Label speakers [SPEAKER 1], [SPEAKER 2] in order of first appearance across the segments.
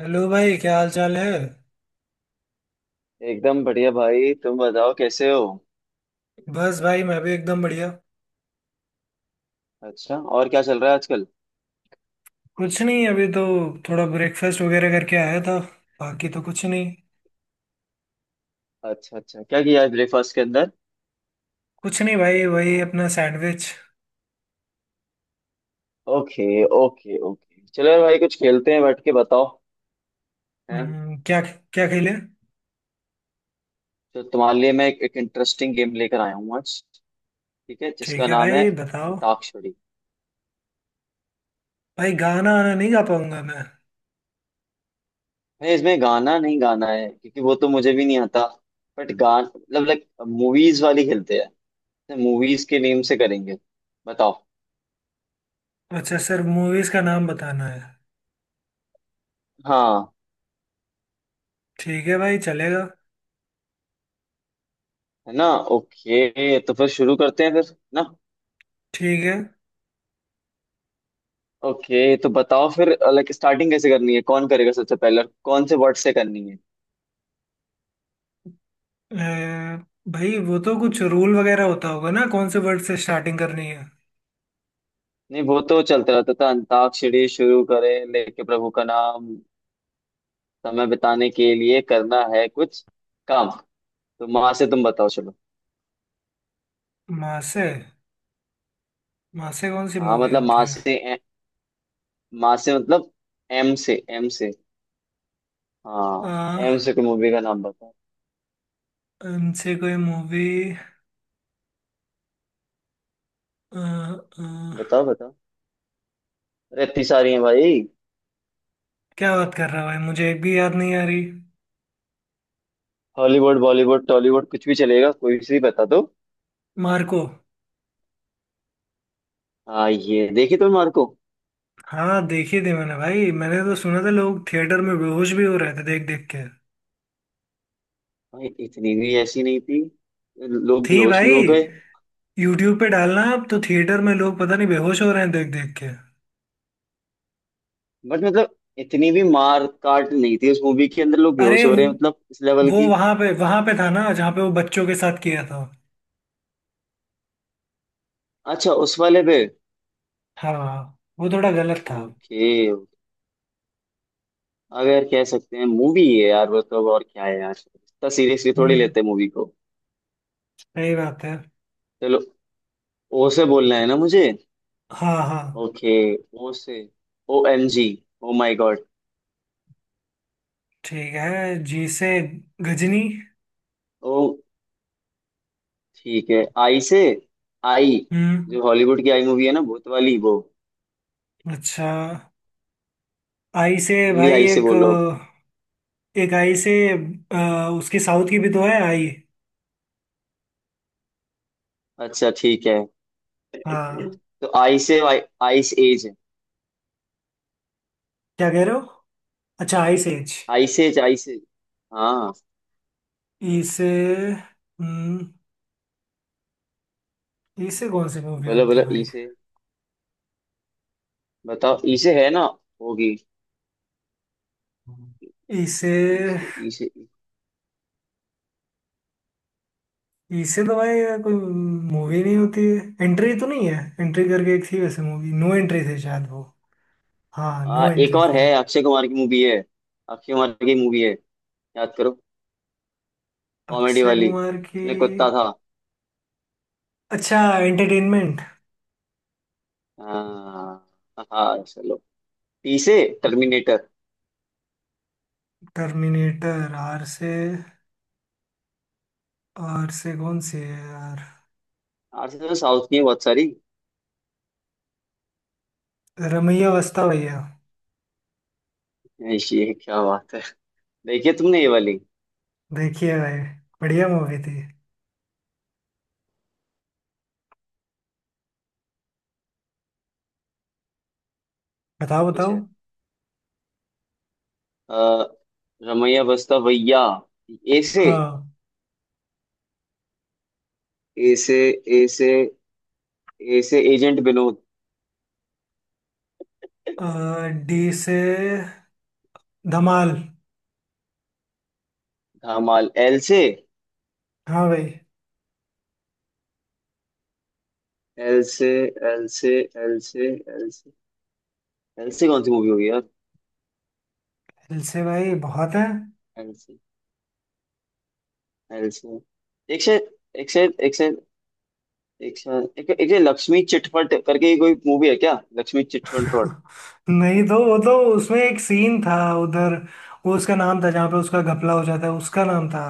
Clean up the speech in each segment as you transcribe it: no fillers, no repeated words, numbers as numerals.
[SPEAKER 1] Hello भाई, क्या हाल चाल है।
[SPEAKER 2] एकदम बढ़िया भाई। तुम बताओ कैसे हो।
[SPEAKER 1] बस भाई, मैं भी एकदम बढ़िया।
[SPEAKER 2] अच्छा और क्या चल रहा है आजकल।
[SPEAKER 1] कुछ नहीं, अभी तो थोड़ा ब्रेकफास्ट वगैरह करके आया था। बाकी तो कुछ नहीं।
[SPEAKER 2] अच्छा अच्छा क्या किया आज ब्रेकफास्ट के अंदर।
[SPEAKER 1] कुछ नहीं भाई, वही अपना सैंडविच।
[SPEAKER 2] ओके। ओके ओके चलो यार भाई कुछ खेलते हैं बैठ के बताओ। हैं।
[SPEAKER 1] क्या क्या खेले।
[SPEAKER 2] तो तुम्हारे लिए मैं एक इंटरेस्टिंग गेम लेकर आया हूँ आज। ठीक है
[SPEAKER 1] ठीक
[SPEAKER 2] जिसका
[SPEAKER 1] है
[SPEAKER 2] नाम है
[SPEAKER 1] भाई, बताओ।
[SPEAKER 2] अंताक्षरी।
[SPEAKER 1] भाई गाना आना नहीं, गा पाऊंगा मैं।
[SPEAKER 2] भाई इसमें गाना नहीं गाना है क्योंकि वो तो मुझे भी नहीं आता। बट गान मतलब लाइक मूवीज वाली खेलते हैं। मूवीज के नेम से करेंगे। बताओ।
[SPEAKER 1] अच्छा सर, मूवीज का नाम बताना है।
[SPEAKER 2] हाँ।
[SPEAKER 1] ठीक है भाई, चलेगा।
[SPEAKER 2] है ना। ओके तो फिर शुरू करते हैं फिर ना।
[SPEAKER 1] ठीक है।
[SPEAKER 2] ओके तो बताओ फिर लाइक स्टार्टिंग कैसे करनी है, कौन करेगा सबसे पहले और कौन से वर्ड से करनी है।
[SPEAKER 1] अ, भाई वो तो कुछ रूल वगैरह होता होगा ना, कौन से वर्ड से स्टार्टिंग करनी है।
[SPEAKER 2] नहीं वो तो चलता रहता था, अंताक्षरी शुरू करें लेके प्रभु का नाम। समय बिताने के लिए करना है कुछ काम। तो माँ से तुम बताओ चलो।
[SPEAKER 1] माँ से। माँ से कौन सी
[SPEAKER 2] हाँ
[SPEAKER 1] मूवी
[SPEAKER 2] मतलब
[SPEAKER 1] होती
[SPEAKER 2] माँ
[SPEAKER 1] है।
[SPEAKER 2] से माँ से मतलब एम से हाँ। एम
[SPEAKER 1] आ,
[SPEAKER 2] से कोई मूवी का नाम बताओ।
[SPEAKER 1] उनसे कोई मूवी।
[SPEAKER 2] बताओ बताओ। अरे इतनी सारी है भाई।
[SPEAKER 1] क्या बात कर रहा है भाई, मुझे एक भी याद नहीं आ रही।
[SPEAKER 2] हॉलीवुड बॉलीवुड टॉलीवुड कुछ भी चलेगा कोई से भी बता दो।
[SPEAKER 1] मार्को।
[SPEAKER 2] हाँ ये देखी तुम मार्को।
[SPEAKER 1] हाँ देखी थी मैंने भाई, मैंने तो सुना था लोग थिएटर में बेहोश भी हो रहे थे देख देख के।
[SPEAKER 2] भाई इतनी भी ऐसी नहीं थी। लोग
[SPEAKER 1] थी
[SPEAKER 2] बेहोश भी हो
[SPEAKER 1] भाई।
[SPEAKER 2] गए।
[SPEAKER 1] यूट्यूब पे डालना अब तो, थिएटर में लोग पता नहीं बेहोश हो रहे हैं देख देख के।
[SPEAKER 2] बट मतलब इतनी भी मार काट नहीं थी उस मूवी के अंदर, लोग
[SPEAKER 1] अरे,
[SPEAKER 2] बेहोश हो रहे हैं मतलब इस लेवल
[SPEAKER 1] वो
[SPEAKER 2] की।
[SPEAKER 1] वहां पे था ना, जहाँ पे वो बच्चों के साथ किया था।
[SPEAKER 2] अच्छा उस वाले पे।
[SPEAKER 1] हाँ। वो थोड़ा गलत था।
[SPEAKER 2] ओके। अगर कह सकते हैं मूवी है यार, मतलब और क्या है यार, इतना सीरियसली थोड़ी
[SPEAKER 1] हम्म,
[SPEAKER 2] लेते हैं मूवी को।
[SPEAKER 1] सही बात है।
[SPEAKER 2] चलो। ओ से बोलना है ना मुझे।
[SPEAKER 1] हाँ हाँ।
[SPEAKER 2] ओके। ओ से। OMG। O my god.
[SPEAKER 1] ठीक है, जी से गजनी।
[SPEAKER 2] ओ ठीक है। आई से। आई।
[SPEAKER 1] हम्म।
[SPEAKER 2] जो हॉलीवुड की आई मूवी है ना भूत वाली वो।
[SPEAKER 1] अच्छा आई से
[SPEAKER 2] तुम भी
[SPEAKER 1] भाई
[SPEAKER 2] आई से
[SPEAKER 1] एक।
[SPEAKER 2] बोलो।
[SPEAKER 1] एक आई से। उसकी साउथ की भी तो है आई।
[SPEAKER 2] अच्छा ठीक है।
[SPEAKER 1] हाँ।
[SPEAKER 2] तो आई से वाई आइस एज है।
[SPEAKER 1] क्या कह रहे हो। अच्छा आई से H.
[SPEAKER 2] Ice Age Ice Age. हाँ।
[SPEAKER 1] ई से। हम्म। ई से कौन सी मूवी
[SPEAKER 2] बोलो
[SPEAKER 1] होती
[SPEAKER 2] बोलो
[SPEAKER 1] है
[SPEAKER 2] ई
[SPEAKER 1] भाई।
[SPEAKER 2] से। बताओ ई से है ना। होगी।
[SPEAKER 1] ई से।
[SPEAKER 2] ई से। ई से।
[SPEAKER 1] ई से तो भाई कोई
[SPEAKER 2] ई
[SPEAKER 1] मूवी
[SPEAKER 2] से-
[SPEAKER 1] नहीं होती है। एंट्री तो नहीं है, एंट्री करके एक थी वैसे मूवी, नो एंट्री थी शायद वो। हाँ नो
[SPEAKER 2] एक
[SPEAKER 1] एंट्री
[SPEAKER 2] और
[SPEAKER 1] थी।
[SPEAKER 2] है अक्षय कुमार की मूवी है। अक्षय कुमार की मूवी है। याद करो। कॉमेडी
[SPEAKER 1] अक्षय
[SPEAKER 2] वाली
[SPEAKER 1] कुमार की।
[SPEAKER 2] इसमें कुत्ता था।
[SPEAKER 1] अच्छा एंटरटेनमेंट।
[SPEAKER 2] हाँ। हाँ चलो। टी से। टर्मिनेटर।
[SPEAKER 1] टर्मिनेटर आर से। आर से कौन सी है यार।
[SPEAKER 2] आर से तो साउथ की है बहुत सारी।
[SPEAKER 1] रमैया वस्ता भैया।
[SPEAKER 2] ऐश, ये क्या बात है। देखिए तुमने ये वाली।
[SPEAKER 1] देखिएगा ये, बढ़िया मूवी थी। बताओ
[SPEAKER 2] कुछ
[SPEAKER 1] बताओ।
[SPEAKER 2] है। आ, रमैया बस्ता भैया। ए से।
[SPEAKER 1] हाँ।
[SPEAKER 2] ए से। ए से। ए से एजेंट विनोद।
[SPEAKER 1] डी से धमाल।
[SPEAKER 2] धामाल एल से।
[SPEAKER 1] हाँ भाई।
[SPEAKER 2] एल से। एल से। एल से। एल से। एल से कौन सी मूवी होगी यार।
[SPEAKER 1] दिल से भाई बहुत है।
[SPEAKER 2] एल से। एल से। एक से। एक से। एक से। एक से। एक से लक्ष्मी चिटफट करके कोई मूवी है क्या। लक्ष्मी चिटफट रोड।
[SPEAKER 1] नहीं तो वो तो उसमें एक सीन था उधर। वो उसका नाम था, जहाँ पे उसका घपला हो जाता है उसका नाम था।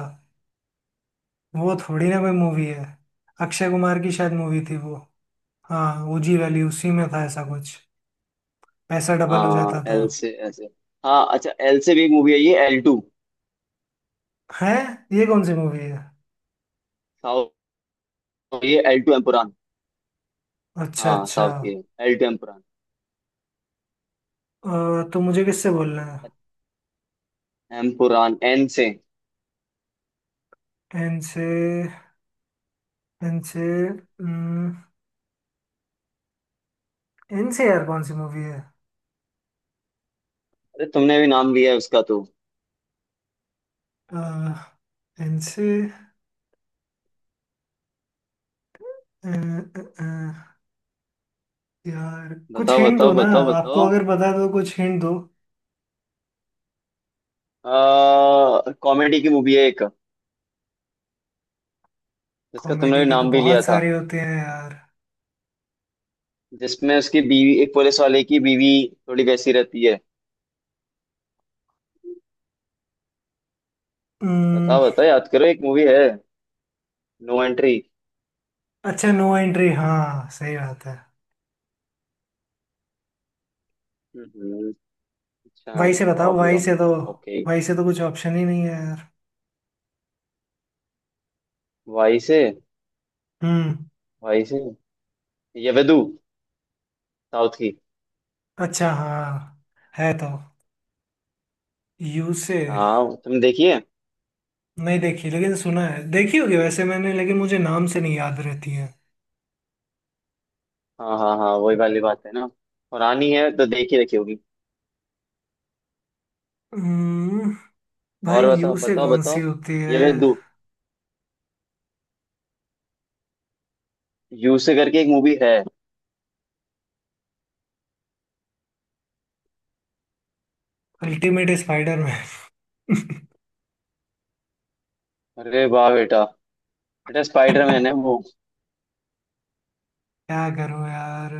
[SPEAKER 1] वो थोड़ी ना कोई मूवी है। अक्षय कुमार की शायद मूवी थी वो। हाँ ओजी वैली उसी में था ऐसा कुछ। पैसा डबल हो
[SPEAKER 2] हाँ
[SPEAKER 1] जाता था।
[SPEAKER 2] एल से ऐसे। हाँ अच्छा एल से भी एक मूवी है ये एल टू।
[SPEAKER 1] है। ये कौन सी मूवी है।
[SPEAKER 2] साउथ। ये एल टू एम्पुरान।
[SPEAKER 1] अच्छा
[SPEAKER 2] हाँ
[SPEAKER 1] अच्छा।
[SPEAKER 2] साउथ की। L two Empuraan.
[SPEAKER 1] तो मुझे किससे बोलना है।
[SPEAKER 2] एम्पुरान एन से अरे।
[SPEAKER 1] एन से। एन से। एन से यार कौन सी मूवी है।
[SPEAKER 2] तुमने भी नाम लिया है उसका तो।
[SPEAKER 1] एन से। अ, अ, अ, यार कुछ
[SPEAKER 2] बताओ
[SPEAKER 1] हिंट दो
[SPEAKER 2] बताओ
[SPEAKER 1] ना।
[SPEAKER 2] बताओ
[SPEAKER 1] आपको
[SPEAKER 2] बताओ।
[SPEAKER 1] अगर पता है तो कुछ हिंट दो।
[SPEAKER 2] कॉमेडी की मूवी है एक, जिसका तुमने भी
[SPEAKER 1] कॉमेडी के तो
[SPEAKER 2] नाम भी लिया
[SPEAKER 1] बहुत
[SPEAKER 2] था,
[SPEAKER 1] सारे होते हैं यार।
[SPEAKER 2] जिसमें उसकी बीवी एक पुलिस वाले की बीवी थोड़ी वैसी रहती है।
[SPEAKER 1] अम्म,
[SPEAKER 2] बताओ बताओ याद करो एक मूवी है। No Entry.
[SPEAKER 1] अच्छा नो एंट्री, हाँ सही बात है।
[SPEAKER 2] हम्म, अच्छा
[SPEAKER 1] वही
[SPEAKER 2] नो
[SPEAKER 1] से बताओ,
[SPEAKER 2] प्रॉब्लम। ओके।
[SPEAKER 1] वही से तो कुछ ऑप्शन ही नहीं है यार।
[SPEAKER 2] वाई से।
[SPEAKER 1] हम्म।
[SPEAKER 2] वाई से ये वेदू। साउथ की।
[SPEAKER 1] अच्छा हाँ। है तो। यू से।
[SPEAKER 2] हाँ तुम देखिए।
[SPEAKER 1] नहीं देखी लेकिन सुना है, देखी होगी वैसे मैंने लेकिन मुझे नाम से नहीं याद रहती है।
[SPEAKER 2] हाँ हाँ हाँ वही वाली बात है ना, पुरानी है तो देख ही रखी होगी।
[SPEAKER 1] हम्म, भाई
[SPEAKER 2] और बताओ
[SPEAKER 1] यू से
[SPEAKER 2] बताओ
[SPEAKER 1] कौन सी
[SPEAKER 2] बताओ।
[SPEAKER 1] होती है।
[SPEAKER 2] ये वेदू। यू से करके एक मूवी है।
[SPEAKER 1] Ultimate Spiderman.
[SPEAKER 2] अरे वाह बेटा। बेटा स्पाइडरमैन है वो।
[SPEAKER 1] क्या करूं यार।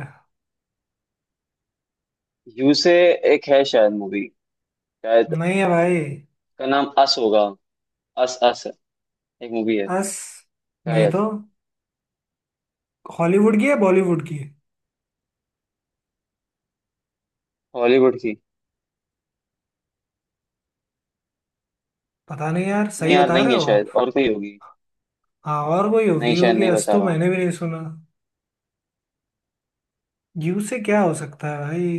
[SPEAKER 2] यू से। एक है शायद मूवी। शायद
[SPEAKER 1] नहीं है भाई।
[SPEAKER 2] का नाम अस होगा। अस अस। एक मूवी है
[SPEAKER 1] बस। नहीं
[SPEAKER 2] शायद।
[SPEAKER 1] तो। हॉलीवुड की है बॉलीवुड की है?
[SPEAKER 2] हॉलीवुड की।
[SPEAKER 1] पता नहीं यार,
[SPEAKER 2] नहीं
[SPEAKER 1] सही
[SPEAKER 2] यार
[SPEAKER 1] बता
[SPEAKER 2] नहीं
[SPEAKER 1] रहे
[SPEAKER 2] है
[SPEAKER 1] हो आप।
[SPEAKER 2] शायद, और कोई होगी।
[SPEAKER 1] हाँ और कोई
[SPEAKER 2] नहीं
[SPEAKER 1] होगी
[SPEAKER 2] शायद
[SPEAKER 1] होगी,
[SPEAKER 2] नहीं
[SPEAKER 1] आज
[SPEAKER 2] बता
[SPEAKER 1] तो
[SPEAKER 2] रहा हूँ।
[SPEAKER 1] मैंने भी नहीं सुना। यू से क्या हो सकता है भाई।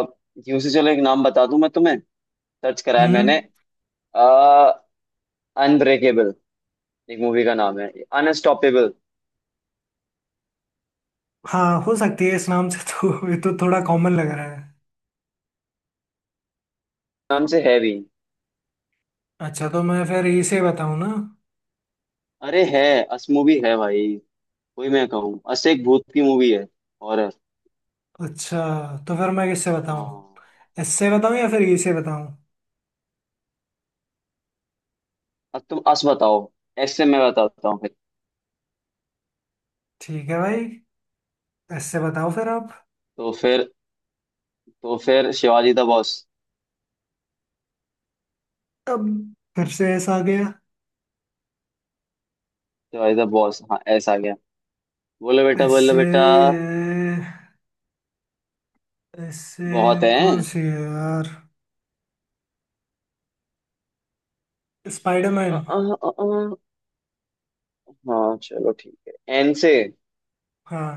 [SPEAKER 2] अब यू से चलो एक नाम बता दूं मैं तुम्हें, सर्च कराया
[SPEAKER 1] हम्म।
[SPEAKER 2] मैंने। आ, अनब्रेकेबल एक मूवी का नाम है। अनस्टॉपेबल।
[SPEAKER 1] हाँ हो सकती है, इस नाम से तो ये तो थोड़ा कॉमन लग रहा है।
[SPEAKER 2] नाम से है भी।
[SPEAKER 1] अच्छा तो मैं फिर इसे बताऊं ना।
[SPEAKER 2] अरे है। अस मूवी है भाई। वही मैं कहूँ अस एक भूत की मूवी है। और
[SPEAKER 1] अच्छा तो फिर मैं किससे बताऊं,
[SPEAKER 2] हाँ।
[SPEAKER 1] इससे बताऊं या फिर इससे बताऊं।
[SPEAKER 2] अब तुम अस बताओ। ऐसे मैं बताता हूँ फिर।
[SPEAKER 1] ठीक है भाई, इससे बताओ फिर आप।
[SPEAKER 2] तो फिर। तो फिर शिवाजी द बॉस।
[SPEAKER 1] अब फिर से ऐसा आ गया।
[SPEAKER 2] शिवाजी द बॉस हाँ ऐसा आ गया। बोलो बेटा बोलो
[SPEAKER 1] इससे।
[SPEAKER 2] बेटा।
[SPEAKER 1] इससे
[SPEAKER 2] बहुत है।
[SPEAKER 1] कौन सी है यार।
[SPEAKER 2] अ,
[SPEAKER 1] स्पाइडरमैन।
[SPEAKER 2] अ, अ, अ, हाँ चलो ठीक है। एन से।
[SPEAKER 1] हाँ।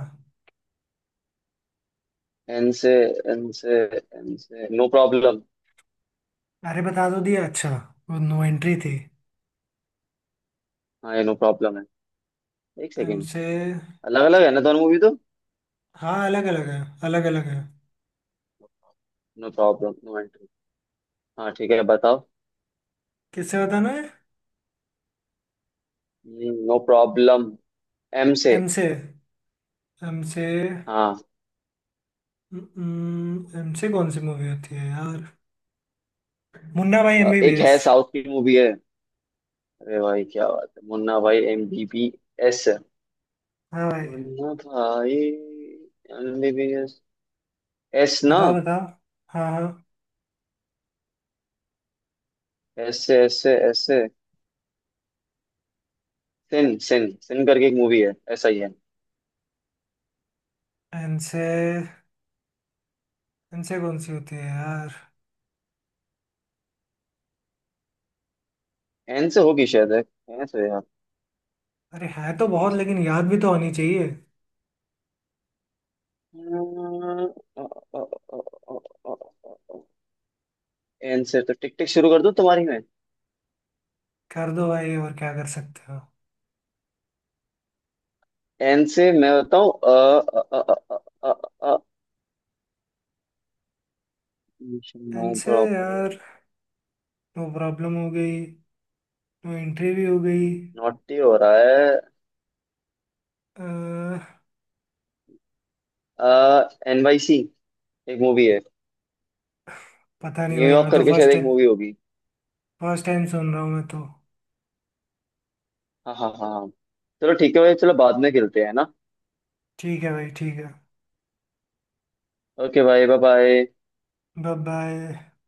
[SPEAKER 2] एन से। एन से। एन से नो प्रॉब्लम।
[SPEAKER 1] अरे बता तो दिया अच्छा, वो नो एंट्री थी।
[SPEAKER 2] हाँ ये नो प्रॉब्लम है। एक
[SPEAKER 1] एम
[SPEAKER 2] सेकेंड।
[SPEAKER 1] से।
[SPEAKER 2] अलग अलग है ना दोनों मूवी तो।
[SPEAKER 1] हाँ अलग अलग है। अलग अलग है।
[SPEAKER 2] No Problem No Entry. हाँ ठीक है बताओ।
[SPEAKER 1] किससे बताना है।
[SPEAKER 2] No Problem. एम से।
[SPEAKER 1] एम से। एम से।
[SPEAKER 2] हाँ।
[SPEAKER 1] एम से कौन सी मूवी होती है यार। मुन्ना भाई
[SPEAKER 2] एक
[SPEAKER 1] एमबीबीएस।
[SPEAKER 2] है साउथ की मूवी है। अरे भाई क्या बात है मुन्ना भाई MBBS।
[SPEAKER 1] हाँ भाई।
[SPEAKER 2] Munna Bhai M B B S. S ना।
[SPEAKER 1] बताओ बताओ। हाँ हाँ।
[SPEAKER 2] S S S. Sin sin sin करके एक मूवी है ऐसा ही है।
[SPEAKER 1] इनसे। इनसे कौन सी होती है यार।
[SPEAKER 2] एन से होगी शायद है। एन से है यार।
[SPEAKER 1] अरे है तो
[SPEAKER 2] एन
[SPEAKER 1] बहुत,
[SPEAKER 2] से।
[SPEAKER 1] लेकिन याद भी तो आनी चाहिए।
[SPEAKER 2] एन से तो टिक टिक शुरू कर दूं तुम्हारी में।
[SPEAKER 1] कर दो भाई, और क्या कर सकते हो।
[SPEAKER 2] एन से मैं बताऊं। अ नो
[SPEAKER 1] इनसे
[SPEAKER 2] प्रॉपर।
[SPEAKER 1] यार। नो प्रॉब्लम हो गई, नो एंट्री भी हो गई।
[SPEAKER 2] नॉटी हो रहा
[SPEAKER 1] अह,
[SPEAKER 2] है। NYC एक मूवी है।
[SPEAKER 1] पता नहीं भाई,
[SPEAKER 2] न्यूयॉर्क
[SPEAKER 1] मैं तो
[SPEAKER 2] करके शायद
[SPEAKER 1] फर्स्ट
[SPEAKER 2] एक मूवी होगी।
[SPEAKER 1] फर्स्ट टाइम सुन रहा हूँ मैं तो।
[SPEAKER 2] हाँ हाँ हाँ हाँ। चलो ठीक है भाई चलो बाद में खेलते हैं ना।
[SPEAKER 1] ठीक है भाई ठीक है।
[SPEAKER 2] ओके भाई बाय बाय।
[SPEAKER 1] Bye bye.